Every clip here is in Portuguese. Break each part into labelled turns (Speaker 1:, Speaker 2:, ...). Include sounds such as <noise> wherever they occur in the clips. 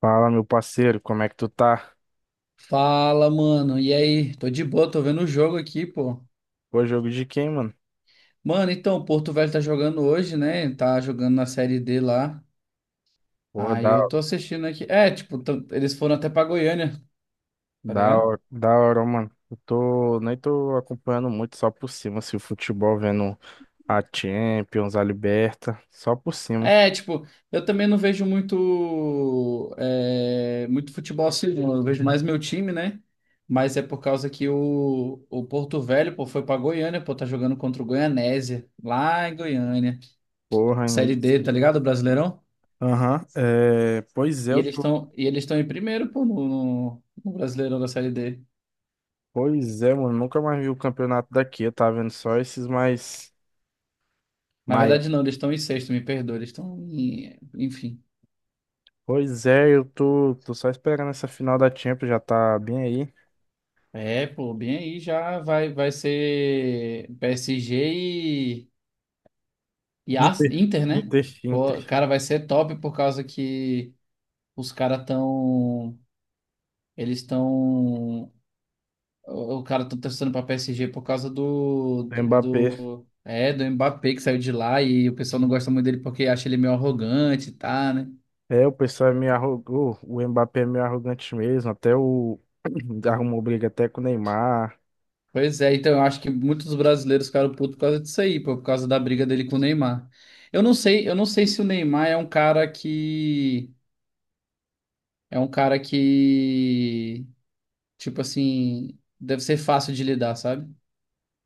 Speaker 1: Fala, meu parceiro, como é que tu tá?
Speaker 2: Fala, mano. E aí? Tô de boa, tô vendo o jogo aqui, pô.
Speaker 1: Pô, jogo de quem, mano?
Speaker 2: Mano, então, o Porto Velho tá jogando hoje, né? Tá jogando na Série D lá.
Speaker 1: Porra,
Speaker 2: Aí
Speaker 1: da,
Speaker 2: eu tô assistindo aqui. É, tipo, eles foram até pra Goiânia, tá
Speaker 1: da,
Speaker 2: ligado?
Speaker 1: hora- da hora, mano. Eu tô, nem tô acompanhando muito, só por cima, assim, o futebol, vendo a Champions, a Liberta, só por cima.
Speaker 2: É, tipo, eu também não vejo muito, muito futebol assim, não. Eu vejo mais meu time, né? Mas é por causa que o Porto Velho, pô, foi pra Goiânia, pô, tá jogando contra o Goianésia, lá em Goiânia.
Speaker 1: Porra, hein?
Speaker 2: Série D, tá ligado? Brasileirão?
Speaker 1: Aham, é, pois é,
Speaker 2: E
Speaker 1: eu
Speaker 2: eles
Speaker 1: tô,
Speaker 2: estão e eles estão em primeiro, pô, no Brasileirão da Série D.
Speaker 1: pois é, mano, nunca mais vi o campeonato daqui, eu tava vendo só esses mais
Speaker 2: Na
Speaker 1: maiores.
Speaker 2: verdade, não, eles estão em sexto, me perdoa. Eles estão em. Enfim.
Speaker 1: Pois é, eu tô só esperando essa final da Champions, já tá bem aí.
Speaker 2: É, pô, bem aí já vai, vai ser PSG e, e
Speaker 1: Inter,
Speaker 2: Inter, né?
Speaker 1: Inter, Inter,
Speaker 2: Pô, cara, vai ser top por causa que os caras estão. Eles estão. O cara tá torcendo pra PSG por causa
Speaker 1: Mbappé.
Speaker 2: do Mbappé que saiu de lá e o pessoal não gosta muito dele porque acha ele meio arrogante, tá, né?
Speaker 1: É, o pessoal é meio arrogou, o Mbappé é meio arrogante mesmo, até o <clears throat> arrumou briga até com o Neymar.
Speaker 2: Pois é, então eu acho que muitos brasileiros ficaram putos por causa disso aí, pô, por causa da briga dele com o Neymar. Eu não sei se o Neymar é um cara que um cara que, tipo assim, deve ser fácil de lidar, sabe?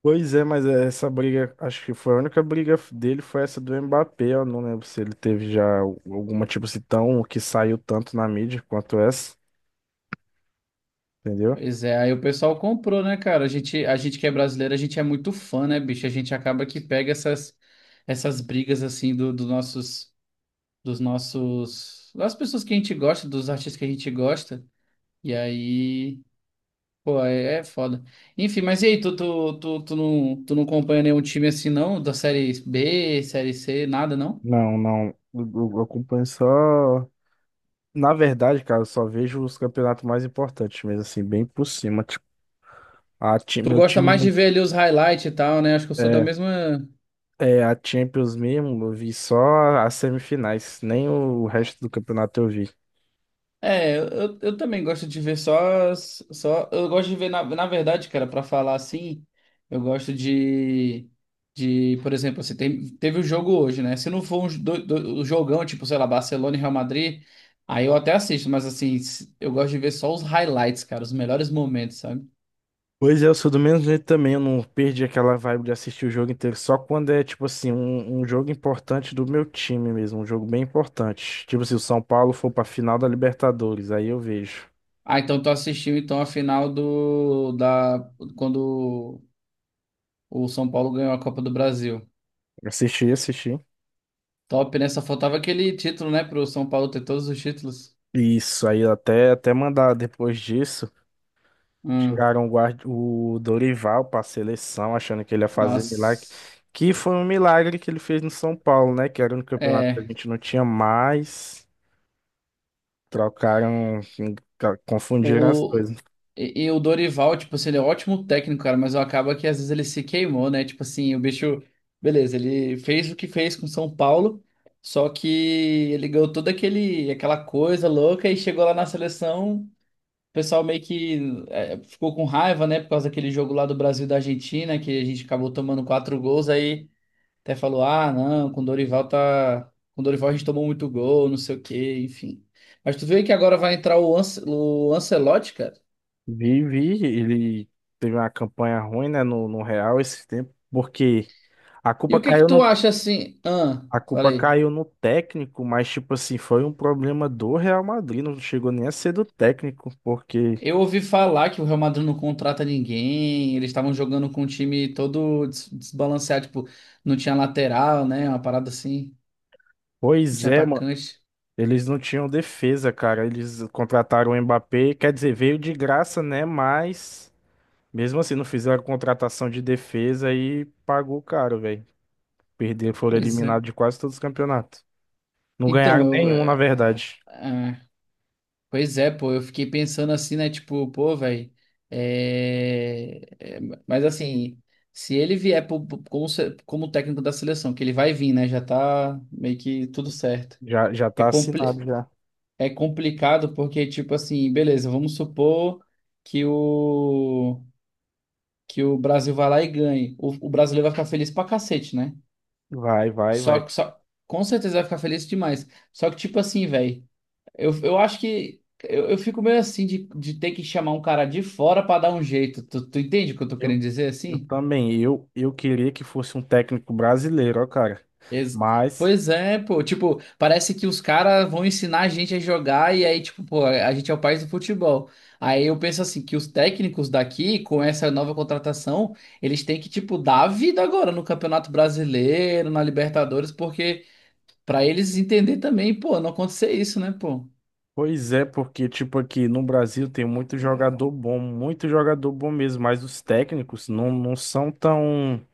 Speaker 1: Pois é, mas essa briga, acho que foi a única briga dele foi essa do Mbappé, eu não lembro se ele teve já alguma tipo se tão que saiu tanto na mídia quanto essa, entendeu?
Speaker 2: Pois é, aí o pessoal comprou, né, cara? A gente que é brasileiro, a gente é muito fã, né, bicho? A gente acaba que pega essas brigas assim dos nossos, dos nossos, das pessoas que a gente gosta, dos artistas que a gente gosta. E aí, pô, é, é foda. Enfim, mas e aí, tu não acompanha nenhum time assim, não? Da série B, série C, nada, não?
Speaker 1: Não, não, eu acompanho só, na verdade, cara, eu só vejo os campeonatos mais importantes mesmo assim, bem por cima, tipo,
Speaker 2: Tu
Speaker 1: meu
Speaker 2: gosta
Speaker 1: time
Speaker 2: mais de ver ali os highlights e tal, né? Acho que eu sou da
Speaker 1: é.
Speaker 2: mesma.
Speaker 1: É, a Champions mesmo, eu vi só as semifinais, nem o resto do campeonato eu vi.
Speaker 2: É, eu também gosto de ver só, Eu gosto de ver, na verdade, cara, pra falar assim, eu gosto de. De, por exemplo, assim, teve o jogo hoje, né? Se não for um, um jogão, tipo, sei lá, Barcelona e Real Madrid, aí eu até assisto, mas assim, eu gosto de ver só os highlights, cara, os melhores momentos, sabe?
Speaker 1: Pois é, eu sou do mesmo jeito também, eu não perdi aquela vibe de assistir o jogo inteiro, só quando é, tipo assim, um jogo importante do meu time mesmo, um jogo bem importante. Tipo, se o São Paulo for pra final da Libertadores, aí eu vejo.
Speaker 2: Ah, então tu assistiu então a final do da quando o São Paulo ganhou a Copa do Brasil.
Speaker 1: Assisti, assisti.
Speaker 2: Top, né? Só faltava aquele título, né, pro São Paulo ter todos os títulos.
Speaker 1: Isso, aí até mandar depois disso.
Speaker 2: Hum,
Speaker 1: Tiraram o Dorival para a seleção, achando que ele ia fazer milagre.
Speaker 2: nossa.
Speaker 1: Que foi um milagre que ele fez no São Paulo, né? Que era no campeonato que a
Speaker 2: É,
Speaker 1: gente não tinha mais. Trocaram, enfim, confundiram as
Speaker 2: o
Speaker 1: coisas.
Speaker 2: e, o Dorival, tipo assim, ele é um ótimo técnico, cara, mas acaba que às vezes ele se queimou, né? Tipo assim, o bicho, beleza, ele fez o que fez com o São Paulo, só que ele ganhou toda aquele, aquela coisa louca e chegou lá na seleção. O pessoal meio que, é, ficou com raiva, né? Por causa daquele jogo lá do Brasil e da Argentina, que a gente acabou tomando 4 gols, aí até falou: ah, não, com o Dorival tá. Com o Dorival a gente tomou muito gol, não sei o quê, enfim. Mas tu vê que agora vai entrar o, o Ancelotti, cara.
Speaker 1: Vi, vi, ele teve uma campanha ruim, né, no Real esse tempo, porque a
Speaker 2: E
Speaker 1: culpa
Speaker 2: o que que
Speaker 1: caiu
Speaker 2: tu
Speaker 1: no,
Speaker 2: acha assim? Ah,
Speaker 1: a culpa
Speaker 2: falei.
Speaker 1: caiu no técnico, mas, tipo assim, foi um problema do Real Madrid, não chegou nem a ser do técnico, porque,
Speaker 2: Eu ouvi falar que o Real Madrid não contrata ninguém, eles estavam jogando com um time todo desbalanceado, tipo, não tinha lateral, né? Uma parada assim, não
Speaker 1: pois
Speaker 2: tinha
Speaker 1: é.
Speaker 2: atacante.
Speaker 1: Eles não tinham defesa, cara. Eles contrataram o Mbappé, quer dizer, veio de graça, né? Mas mesmo assim não fizeram contratação de defesa e pagou caro, velho. Perderam, foram
Speaker 2: Pois é.
Speaker 1: eliminados de quase todos os campeonatos. Não ganharam
Speaker 2: Então, eu,
Speaker 1: nenhum, na
Speaker 2: é,
Speaker 1: verdade.
Speaker 2: ah, pois é, pô, eu fiquei pensando assim, né? Tipo, pô, velho. É, é, mas assim, se ele vier pro- pro- como, se- como técnico da seleção, que ele vai vir, né? Já tá meio que tudo certo.
Speaker 1: Já
Speaker 2: É,
Speaker 1: tá assinado já.
Speaker 2: é complicado porque, tipo assim, beleza, vamos supor que o, que o Brasil vai lá e ganhe. O brasileiro vai ficar feliz pra cacete, né?
Speaker 1: Vai, vai,
Speaker 2: Só
Speaker 1: vai.
Speaker 2: que só, com certeza vai ficar feliz demais. Só que, tipo assim, velho. Eu acho que eu fico meio assim de ter que chamar um cara de fora pra dar um jeito. Tu entende o que eu tô
Speaker 1: Eu,
Speaker 2: querendo dizer
Speaker 1: eu
Speaker 2: assim?
Speaker 1: também. Eu queria que fosse um técnico brasileiro, ó, cara.
Speaker 2: Ex-
Speaker 1: Mas
Speaker 2: pois é, pô. Tipo, parece que os caras vão ensinar a gente a jogar e aí, tipo, pô, a gente é o país do futebol. Aí eu penso assim, que os técnicos daqui, com essa nova contratação, eles têm que, tipo, dar a vida agora no Campeonato Brasileiro, na Libertadores, porque pra eles entender também, pô, não acontecer isso, né, pô?
Speaker 1: pois é, porque, tipo, aqui no Brasil tem muito jogador bom mesmo, mas os técnicos não, não são tão,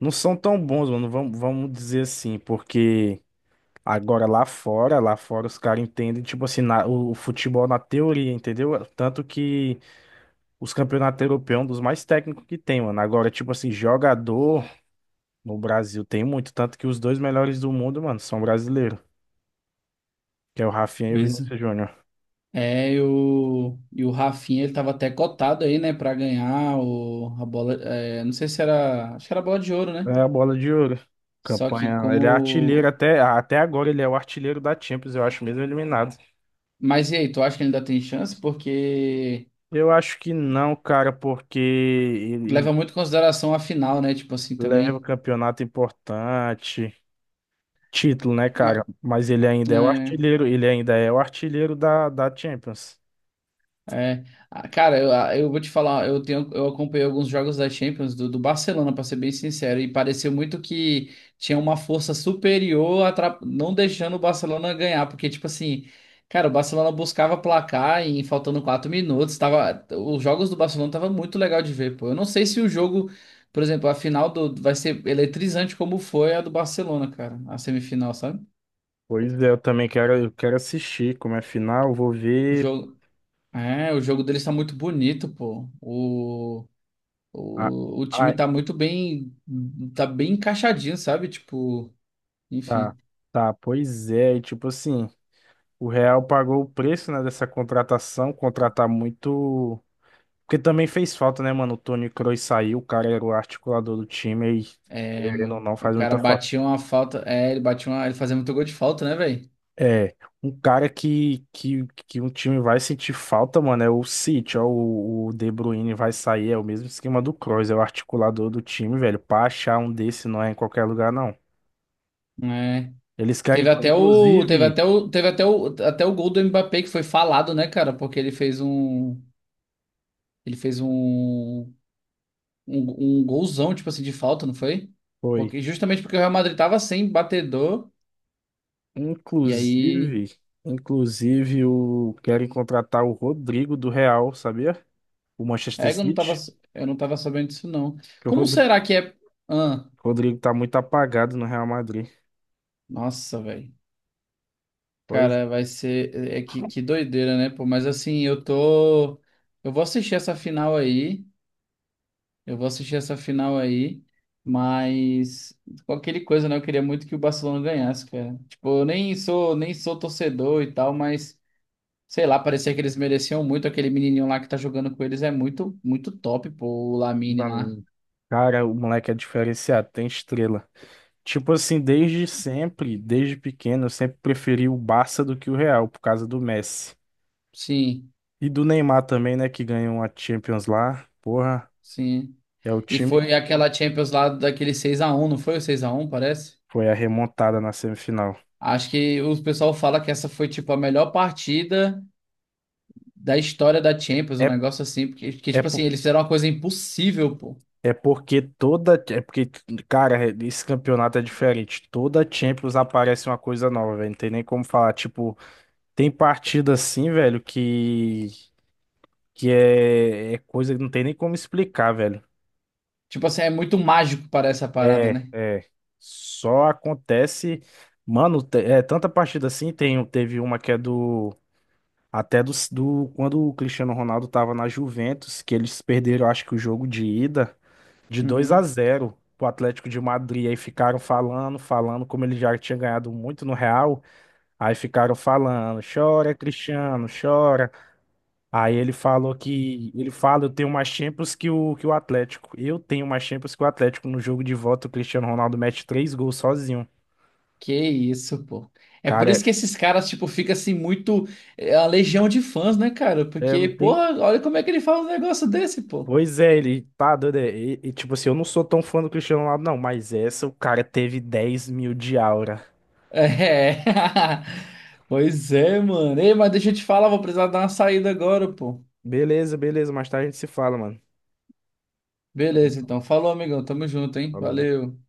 Speaker 1: não são tão bons, mano, vamos dizer assim, porque agora lá fora os caras entendem, tipo assim, o futebol na teoria, entendeu? Tanto que os campeonatos europeus é um dos mais técnicos que tem, mano. Agora, tipo assim, jogador no Brasil tem muito, tanto que os dois melhores do mundo, mano, são brasileiros, que é o Rafinha e o
Speaker 2: Pois
Speaker 1: Vinícius Júnior.
Speaker 2: é, e o, o Rafinha, ele tava até cotado aí, né, pra ganhar o, a bola, é, não sei se era, acho que era a bola de ouro, né?
Speaker 1: É a bola de ouro.
Speaker 2: Só que
Speaker 1: Campanha. Ele é artilheiro
Speaker 2: como...
Speaker 1: até agora, ele é o artilheiro da Champions, eu acho, mesmo eliminado.
Speaker 2: Mas e aí, tu acha que ele ainda tem chance? Porque
Speaker 1: Eu acho que não, cara, porque ele
Speaker 2: leva muito em consideração a final, né, tipo assim,
Speaker 1: leva o
Speaker 2: também.
Speaker 1: campeonato importante, título, né, cara?
Speaker 2: Ma-
Speaker 1: Mas ele ainda é o
Speaker 2: é.
Speaker 1: artilheiro, ele ainda é o artilheiro da Champions.
Speaker 2: É, ah, cara, eu vou te falar, eu tenho, eu acompanhei alguns jogos da Champions do Barcelona, pra ser bem sincero, e pareceu muito que tinha uma força superior, não deixando o Barcelona ganhar, porque tipo assim, cara, o Barcelona buscava placar e faltando 4 minutos, tava, os jogos do Barcelona tava muito legal de ver, pô. Eu não sei se o jogo, por exemplo, a final do vai ser eletrizante como foi a do Barcelona, cara, a semifinal, sabe?
Speaker 1: Pois é, eu também quero, eu quero assistir como é final, vou
Speaker 2: O
Speaker 1: ver.
Speaker 2: jogo, é, o jogo deles tá muito bonito, pô. O
Speaker 1: Ah,
Speaker 2: O, o time
Speaker 1: ah,
Speaker 2: tá muito bem, tá bem encaixadinho, sabe? Tipo,
Speaker 1: tá,
Speaker 2: enfim.
Speaker 1: tá, pois é, e tipo assim, o Real pagou o preço, né, dessa contratação, contratar muito. Porque também fez falta, né, mano? O Toni Kroos saiu, o cara era o articulador do time e,
Speaker 2: É,
Speaker 1: querendo ou
Speaker 2: mano.
Speaker 1: não,
Speaker 2: O
Speaker 1: faz
Speaker 2: cara
Speaker 1: muita falta.
Speaker 2: batia uma falta. É, ele batia uma. Ele fazia muito gol de falta, né, velho?
Speaker 1: É, um cara que um time vai sentir falta, mano, é o City, ó, o De Bruyne vai sair, é o mesmo esquema do Kroos, é o articulador do time, velho. Pra achar um desse não é em qualquer lugar, não.
Speaker 2: É.
Speaker 1: Eles querem, inclusive,
Speaker 2: Teve até o, até o gol do Mbappé que foi falado, né, cara? Porque ele fez um. Ele fez um. Um, um golzão, tipo assim, de falta, não foi?
Speaker 1: foi,
Speaker 2: Porque, justamente porque o Real Madrid tava sem batedor. E aí.
Speaker 1: inclusive, inclusive, o, querem contratar o Rodrigo do Real, sabia? O Manchester
Speaker 2: É,
Speaker 1: City,
Speaker 2: eu não tava sabendo disso, não.
Speaker 1: que o
Speaker 2: Como
Speaker 1: Rodrigo
Speaker 2: será que é. Ahn?
Speaker 1: Rodrigo tá muito apagado no Real Madrid.
Speaker 2: Nossa, velho.
Speaker 1: Pois
Speaker 2: Cara, vai ser. É que doideira, né, pô? Mas assim, eu tô. Eu vou assistir essa final aí. Eu vou assistir essa final aí. Mas, qualquer coisa, né? Eu queria muito que o Barcelona ganhasse, cara. Tipo, eu nem sou, nem sou torcedor e tal, mas. Sei lá, parecia que eles mereciam muito. Aquele menininho lá que tá jogando com eles é muito, muito top, pô. O Lamine
Speaker 1: pra
Speaker 2: lá.
Speaker 1: mim. Cara, o moleque é diferenciado, tem estrela. Tipo assim, desde sempre, desde pequeno, eu sempre preferi o Barça do que o Real, por causa do Messi.
Speaker 2: Sim,
Speaker 1: E do Neymar também, né, que ganhou a Champions lá. Porra,
Speaker 2: sim.
Speaker 1: é o
Speaker 2: E
Speaker 1: time que
Speaker 2: foi aquela Champions lá daquele 6-1, não foi o 6-1? Parece?
Speaker 1: foi a remontada na semifinal.
Speaker 2: Acho que o pessoal fala que essa foi, tipo, a melhor partida da história da Champions, um
Speaker 1: É,
Speaker 2: negócio assim, porque,
Speaker 1: é,
Speaker 2: tipo assim, eles fizeram uma coisa impossível, pô.
Speaker 1: é porque toda. É porque, cara, esse campeonato é diferente. Toda Champions aparece uma coisa nova, velho. Não tem nem como falar, tipo. Tem partida assim, velho, que é coisa que não tem nem como explicar, velho.
Speaker 2: Tipo assim, é muito mágico para essa parada,
Speaker 1: É,
Speaker 2: né?
Speaker 1: é. Só acontece. Mano, é tanta partida assim. Teve uma que é do. Até do. Quando o Cristiano Ronaldo tava na Juventus, que eles perderam, acho que o jogo de ida, de 2 a
Speaker 2: Uhum.
Speaker 1: zero pro Atlético de Madrid. Aí ficaram falando, falando, como ele já tinha ganhado muito no Real. Aí ficaram falando: chora, Cristiano, chora. Aí ele falou que. Ele fala, eu tenho mais Champions que o Atlético. Eu tenho mais Champions que o Atlético. No jogo de volta, o Cristiano Ronaldo mete três gols sozinho.
Speaker 2: Que isso, pô. É por
Speaker 1: Cara,
Speaker 2: isso que esses caras, tipo, fica assim muito. É a legião de fãs, né, cara?
Speaker 1: é, é, não
Speaker 2: Porque,
Speaker 1: tem.
Speaker 2: porra, olha como é que ele fala um negócio desse, pô.
Speaker 1: Pois é, ele tá doido. E, tipo assim, eu não sou tão fã do Cristiano Ronaldo, não. Mas essa, o cara teve 10 mil de aura.
Speaker 2: É. <laughs> Pois é, mano. Ei, mas deixa eu te falar, vou precisar dar uma saída agora, pô.
Speaker 1: Beleza, beleza. Mais tarde a gente se fala, mano. Tamo
Speaker 2: Beleza,
Speaker 1: junto.
Speaker 2: então. Falou, amigão. Tamo junto, hein?
Speaker 1: Falou.
Speaker 2: Valeu.